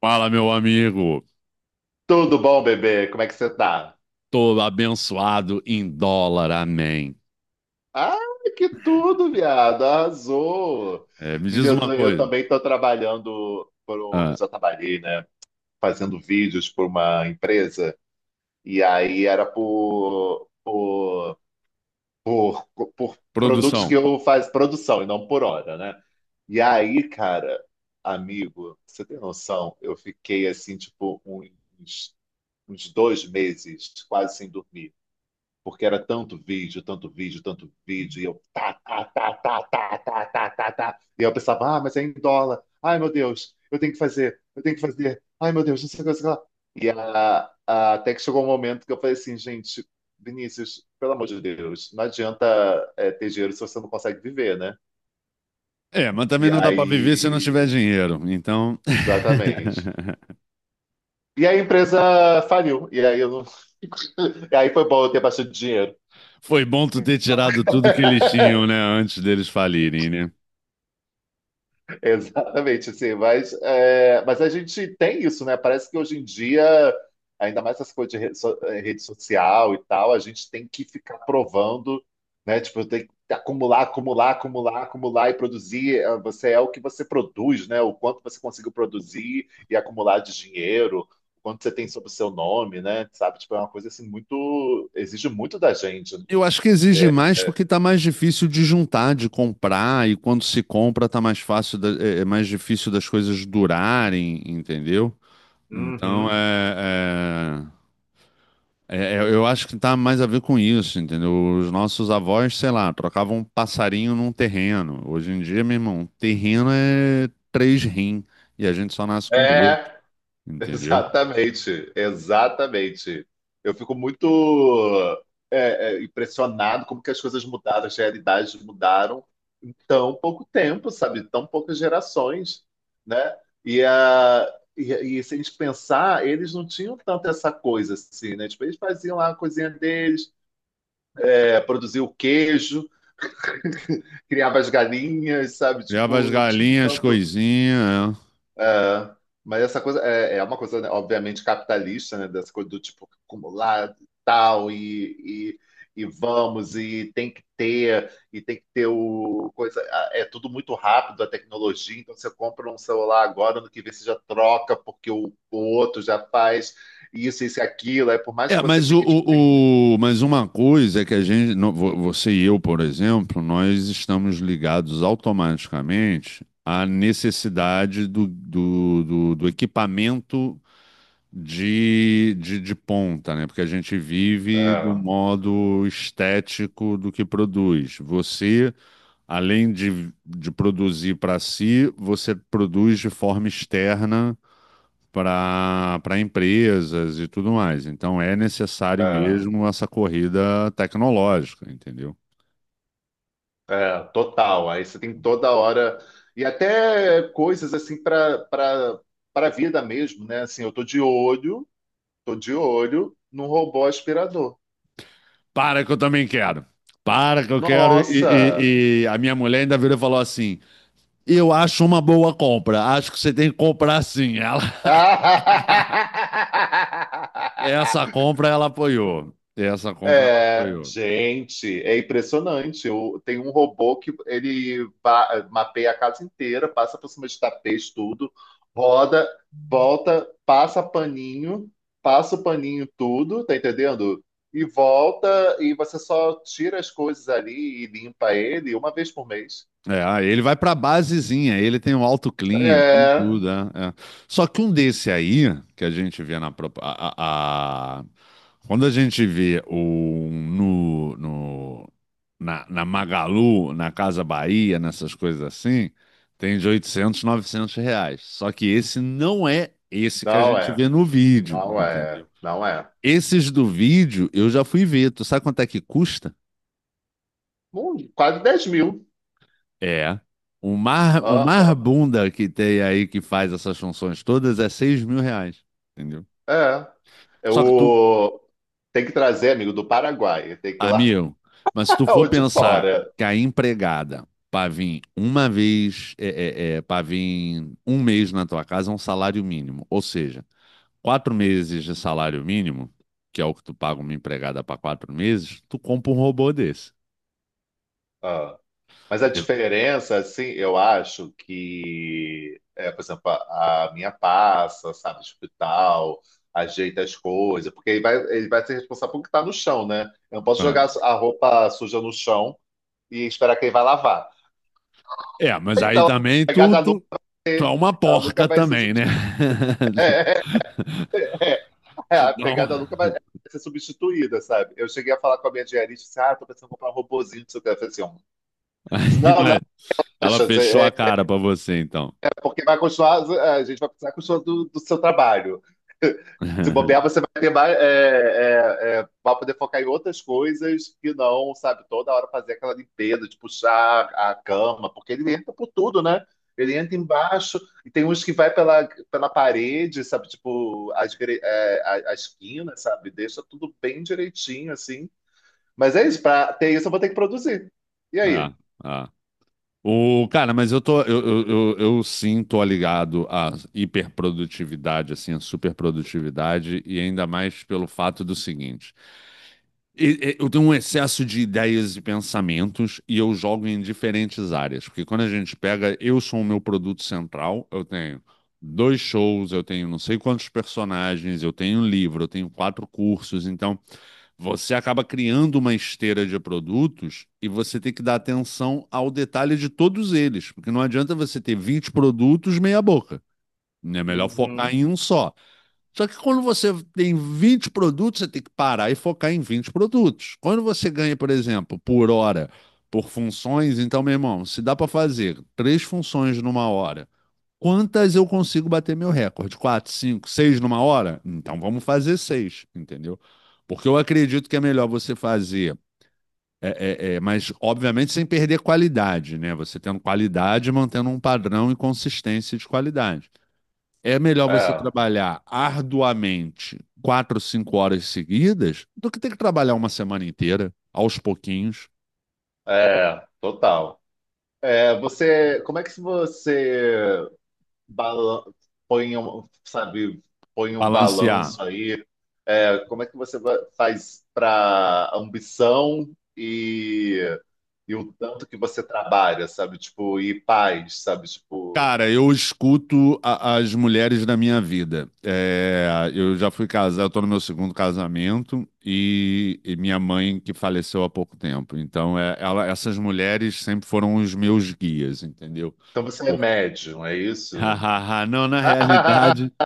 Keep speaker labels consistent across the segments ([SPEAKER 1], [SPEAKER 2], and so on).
[SPEAKER 1] Fala, meu amigo.
[SPEAKER 2] Tudo bom, bebê? Como é que você tá?
[SPEAKER 1] Tô abençoado em dólar, amém.
[SPEAKER 2] Ah, que tudo, viado. Arrasou.
[SPEAKER 1] É, me diz
[SPEAKER 2] Menino,
[SPEAKER 1] uma
[SPEAKER 2] eu
[SPEAKER 1] coisa.
[SPEAKER 2] também tô eu
[SPEAKER 1] Ah,
[SPEAKER 2] já trabalhei, né, fazendo vídeos por uma empresa e aí era por produtos
[SPEAKER 1] produção.
[SPEAKER 2] que eu faço produção e não por hora, né? E aí, cara, amigo, você tem noção? Eu fiquei assim, tipo, uns, uns 2 meses quase sem dormir. Porque era tanto vídeo, tanto vídeo, tanto vídeo, e eu tá, tá, tá, tá, tá, tá, tá, tá, tá. E eu pensava, ah, mas é em dólar. Ai, meu Deus, eu tenho que fazer, eu tenho que fazer. Ai, meu Deus, não sei o que, não sei o que lá. E até que chegou um momento que eu falei assim, gente, Vinícius, pelo amor de Deus, não adianta ter dinheiro se você não consegue viver, né?
[SPEAKER 1] É, mas também
[SPEAKER 2] E
[SPEAKER 1] não dá pra viver se não tiver
[SPEAKER 2] aí,
[SPEAKER 1] dinheiro. Então,
[SPEAKER 2] exatamente. E aí a empresa faliu, e aí eu não... E aí foi bom eu ter bastante dinheiro.
[SPEAKER 1] foi bom tu ter
[SPEAKER 2] Então,
[SPEAKER 1] tirado tudo que eles tinham, né, antes deles falirem, né?
[SPEAKER 2] exatamente, assim, mas, mas a gente tem isso, né? Parece que hoje em dia, ainda mais essas coisas de rede, rede social e tal, a gente tem que ficar provando, né? Tipo, tem que acumular, acumular, acumular, acumular e produzir. Você é o que você produz, né? O quanto você conseguiu produzir e acumular de dinheiro, o quanto você tem sobre o seu nome, né? Sabe? Tipo, é uma coisa assim muito, exige muito da gente. Né?
[SPEAKER 1] Eu acho que exige mais porque tá mais difícil de juntar, de comprar, e quando se compra tá mais fácil, é mais difícil das coisas durarem, entendeu? Então,
[SPEAKER 2] Uhum.
[SPEAKER 1] eu acho que tá mais a ver com isso, entendeu? Os nossos avós, sei lá, trocavam um passarinho num terreno. Hoje em dia, meu irmão, terreno é três rim e a gente só nasce com dois,
[SPEAKER 2] É,
[SPEAKER 1] entendeu?
[SPEAKER 2] exatamente, exatamente. Eu fico muito impressionado como que as coisas mudaram, as realidades mudaram em tão pouco tempo, sabe? Tão poucas gerações, né? E, a, e se a gente pensar, eles não tinham tanto essa coisa assim, né? Tipo, eles faziam lá a coisinha deles, produziam o queijo, criavam as galinhas, sabe?
[SPEAKER 1] Criava as
[SPEAKER 2] Tipo, não tinha
[SPEAKER 1] galinhas,
[SPEAKER 2] tanto.
[SPEAKER 1] coisinha.
[SPEAKER 2] É, mas essa coisa é uma coisa, né, obviamente, capitalista, né? Dessa coisa do tipo acumular tal e vamos, e tem que ter o coisa. É tudo muito rápido a tecnologia, então você compra um celular agora, no que vê você já troca, porque o outro já faz isso, isso e aquilo. Aí por
[SPEAKER 1] É,
[SPEAKER 2] mais que
[SPEAKER 1] é,
[SPEAKER 2] você
[SPEAKER 1] mas o,
[SPEAKER 2] fique, tipo assim.
[SPEAKER 1] o, o- mas uma coisa é que a gente, você e eu, por exemplo, nós estamos ligados automaticamente à necessidade do equipamento de ponta, né? Porque a gente vive do
[SPEAKER 2] É,
[SPEAKER 1] modo estético do que produz. Você, além de produzir para si, você produz de forma externa para empresas e tudo mais. Então é necessário
[SPEAKER 2] é.
[SPEAKER 1] mesmo essa corrida tecnológica, entendeu?
[SPEAKER 2] É, total. Aí você tem toda hora e até coisas assim para a vida mesmo, né? Assim, eu tô de olho num robô aspirador.
[SPEAKER 1] Para que eu também quero. Para que eu quero. E,
[SPEAKER 2] Nossa!
[SPEAKER 1] e- e a minha mulher ainda virou e falou assim: Eu acho uma boa compra. Acho que você tem que comprar sim. Ela Essa compra ela apoiou. Essa compra ela
[SPEAKER 2] É,
[SPEAKER 1] apoiou.
[SPEAKER 2] gente, é impressionante. Tem um robô que mapeia a casa inteira, passa por cima de tapete, tudo, roda, volta, passa paninho, passa o paninho em tudo, tá entendendo? E volta, e você só tira as coisas ali e limpa ele uma vez por mês.
[SPEAKER 1] É, ah ele vai para basezinha, ele tem o auto clean, ele tem
[SPEAKER 2] É,
[SPEAKER 1] tudo, é, é. Só que um desse aí, que a gente vê na propa- a- quando a gente vê o no, no na Magalu, na Casa Bahia, nessas coisas assim, tem de 800 R$ 900. Só que esse não é esse que a
[SPEAKER 2] não
[SPEAKER 1] gente
[SPEAKER 2] é,
[SPEAKER 1] vê no vídeo,
[SPEAKER 2] não é,
[SPEAKER 1] entendeu?
[SPEAKER 2] não é.
[SPEAKER 1] Esses do vídeo eu já fui ver. Tu sabe quanto é que custa?
[SPEAKER 2] Quase 10 mil.
[SPEAKER 1] É. O mar bunda que tem aí que faz essas funções todas é R$ 6.000. Entendeu?
[SPEAKER 2] É. É
[SPEAKER 1] Só que tu,
[SPEAKER 2] o... Tem que trazer, amigo, do Paraguai. Tem que ir lá
[SPEAKER 1] amigo, mas se tu for
[SPEAKER 2] ou de
[SPEAKER 1] pensar
[SPEAKER 2] fora.
[SPEAKER 1] que a empregada para vir uma vez, para vir um mês na tua casa é um salário mínimo. Ou seja, 4 meses de salário mínimo, que é o que tu paga uma empregada para 4 meses, tu compra um robô desse.
[SPEAKER 2] Ah. Mas a
[SPEAKER 1] Eu-
[SPEAKER 2] diferença, assim, eu acho que, por exemplo, a minha passa, sabe, tipo e tal, ajeita as coisas, porque ele vai ser responsável pelo que tá no chão, né? Eu não posso
[SPEAKER 1] Ah.
[SPEAKER 2] jogar a roupa suja no chão e esperar que ele vai lavar.
[SPEAKER 1] É, mas aí
[SPEAKER 2] Então, a
[SPEAKER 1] também
[SPEAKER 2] pegada
[SPEAKER 1] tu,
[SPEAKER 2] da Lu-
[SPEAKER 1] tu, tu é uma
[SPEAKER 2] a Luca
[SPEAKER 1] porca
[SPEAKER 2] vai ser...
[SPEAKER 1] também, né?
[SPEAKER 2] É,
[SPEAKER 1] Te
[SPEAKER 2] a
[SPEAKER 1] dá um-
[SPEAKER 2] pegada nunca vai ser substituída, sabe? Eu cheguei a falar com a minha diarista, disse, ah, tô pensando em comprar um robozinho do seu cara. Eu falei assim, ó,
[SPEAKER 1] Aí,
[SPEAKER 2] não, não,
[SPEAKER 1] mas ela
[SPEAKER 2] acha,
[SPEAKER 1] fechou a cara pra você, então.
[SPEAKER 2] porque vai continuar, a gente vai precisar continuar do seu trabalho. Se bobear, você vai ter mais. Vai poder focar em outras coisas que não, sabe? Toda hora fazer aquela limpeza de puxar a cama, porque ele entra por tudo, né? Ele entra embaixo e tem uns que vai pela parede, sabe? Tipo, as, gre- é, a esquina, sabe? Deixa tudo bem direitinho, assim. Mas é isso, pra ter isso eu vou ter que produzir. E aí?
[SPEAKER 1] É, é. O, cara, mas eu tô, eu sim tô ligado à hiperprodutividade, assim, à superprodutividade, e ainda mais pelo fato do seguinte: eu tenho um excesso de ideias e pensamentos e eu jogo em diferentes áreas, porque quando a gente pega, eu sou o meu produto central, eu tenho dois shows, eu tenho não sei quantos personagens, eu tenho um livro, eu tenho quatro cursos, então. Você acaba criando uma esteira de produtos e você tem que dar atenção ao detalhe de todos eles, porque não adianta você ter 20 produtos meia boca, né? É melhor focar
[SPEAKER 2] Uhum.
[SPEAKER 1] em um só. Só que quando você tem 20 produtos, você tem que parar e focar em 20 produtos. Quando você ganha, por exemplo, por hora, por funções, então, meu irmão, se dá para fazer três funções numa hora. Quantas eu consigo bater meu recorde? Quatro, cinco, seis numa hora? Então vamos fazer seis, entendeu? Porque eu acredito que é melhor você fazer, mas obviamente sem perder qualidade, né? Você tendo qualidade, mantendo um padrão e consistência de qualidade. É melhor você
[SPEAKER 2] É,
[SPEAKER 1] trabalhar arduamente quatro, cinco horas seguidas do que ter que trabalhar uma semana inteira, aos pouquinhos,
[SPEAKER 2] total. É, como é que você bala- põe um, sabe, põe um
[SPEAKER 1] balancear.
[SPEAKER 2] balanço aí. É, como é que você faz para ambição e o tanto que você trabalha, sabe? Tipo, e paz, sabe? Tipo,
[SPEAKER 1] Cara, eu escuto as mulheres da minha vida. É, eu já fui casado, estou no meu segundo casamento e minha mãe que faleceu há pouco tempo. Então, essas mulheres sempre foram os meus guias, entendeu?
[SPEAKER 2] então você é
[SPEAKER 1] Por-
[SPEAKER 2] médium, é isso?
[SPEAKER 1] Não, na realidade,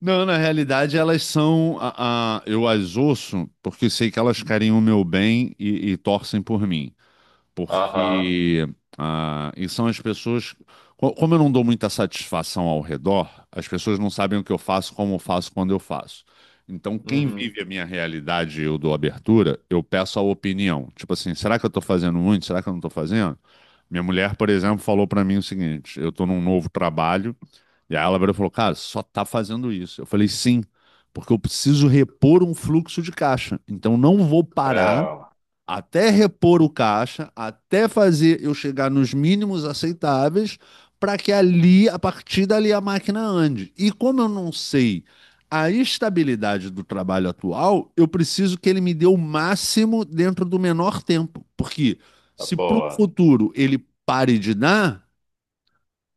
[SPEAKER 1] elas são, eu as ouço porque sei que elas querem o meu bem e torcem por mim.
[SPEAKER 2] Aham.
[SPEAKER 1] Porque e são as pessoas. Como eu não dou muita satisfação ao redor, as pessoas não sabem o que eu faço, como eu faço, quando eu faço. Então, quem
[SPEAKER 2] Uhum.
[SPEAKER 1] vive a minha realidade e eu dou abertura, eu peço a opinião. Tipo assim, será que eu estou fazendo muito? Será que eu não estou fazendo? Minha mulher, por exemplo, falou para mim o seguinte: eu estou num novo trabalho, e aí ela virou e falou, cara, só tá fazendo isso. Eu falei, sim, porque eu preciso repor um fluxo de caixa. Então, não vou parar
[SPEAKER 2] É,
[SPEAKER 1] até repor o caixa, até fazer eu chegar nos mínimos aceitáveis, para que ali, a partir dali, a máquina ande. E como eu não sei a estabilidade do trabalho atual, eu preciso que ele me dê o máximo dentro do menor tempo. Porque
[SPEAKER 2] tá
[SPEAKER 1] se para o
[SPEAKER 2] boa.
[SPEAKER 1] futuro ele pare de dar,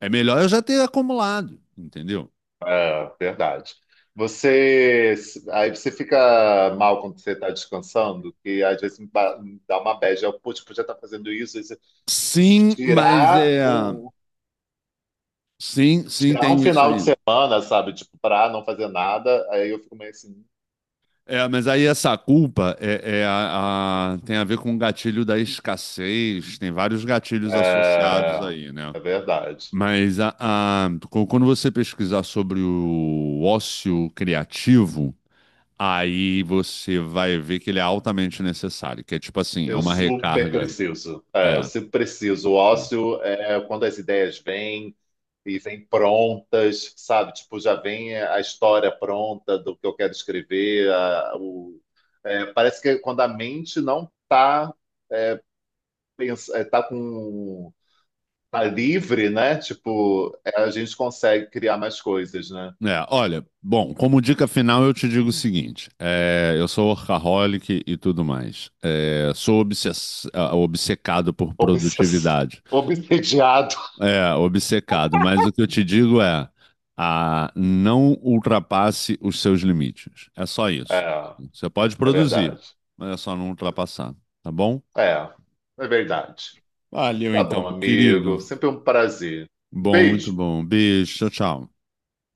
[SPEAKER 1] é melhor eu já ter acumulado, entendeu?
[SPEAKER 2] É, verdade. Você, Aí você fica mal quando você está descansando, que às vezes me dá uma bad. Putz, podia estar fazendo isso, isso. Tipo assim,
[SPEAKER 1] Sim, mas é. Sim, sim,
[SPEAKER 2] tirar um
[SPEAKER 1] tenho isso
[SPEAKER 2] final de
[SPEAKER 1] aí.
[SPEAKER 2] semana, sabe? Tipo, pra não fazer nada, aí eu fico meio assim.
[SPEAKER 1] É, mas aí essa culpa tem a ver com o gatilho da escassez, tem vários gatilhos associados
[SPEAKER 2] É,
[SPEAKER 1] aí, né?
[SPEAKER 2] é verdade.
[SPEAKER 1] Mas quando você pesquisar sobre o ócio criativo, aí você vai ver que ele é altamente necessário, que é tipo assim, é
[SPEAKER 2] Eu
[SPEAKER 1] uma
[SPEAKER 2] super
[SPEAKER 1] recarga.
[SPEAKER 2] preciso. É, eu
[SPEAKER 1] É.
[SPEAKER 2] sempre preciso. O
[SPEAKER 1] Hum.
[SPEAKER 2] ócio é quando as ideias vêm e vêm prontas, sabe? Tipo, já vem a história pronta do que eu quero escrever. Parece que quando a mente não está tá, pens- é, tá com tá livre, né? Tipo, é, a gente consegue criar mais coisas, né?
[SPEAKER 1] É, olha, bom, como dica final eu te digo o seguinte: eu sou workaholic e tudo mais. É, sou obcecado por
[SPEAKER 2] Obsess...
[SPEAKER 1] produtividade.
[SPEAKER 2] Obsediado.
[SPEAKER 1] É, obcecado, mas o que eu te digo é, não ultrapasse os seus limites. É só isso.
[SPEAKER 2] É,
[SPEAKER 1] Você pode
[SPEAKER 2] é
[SPEAKER 1] produzir,
[SPEAKER 2] verdade.
[SPEAKER 1] mas é só não ultrapassar, tá bom?
[SPEAKER 2] É, é verdade.
[SPEAKER 1] Valeu
[SPEAKER 2] Tá
[SPEAKER 1] então,
[SPEAKER 2] bom,
[SPEAKER 1] meu querido.
[SPEAKER 2] amigo. Sempre um prazer. Um
[SPEAKER 1] Bom, muito
[SPEAKER 2] beijo.
[SPEAKER 1] bom. Beijo, tchau, tchau.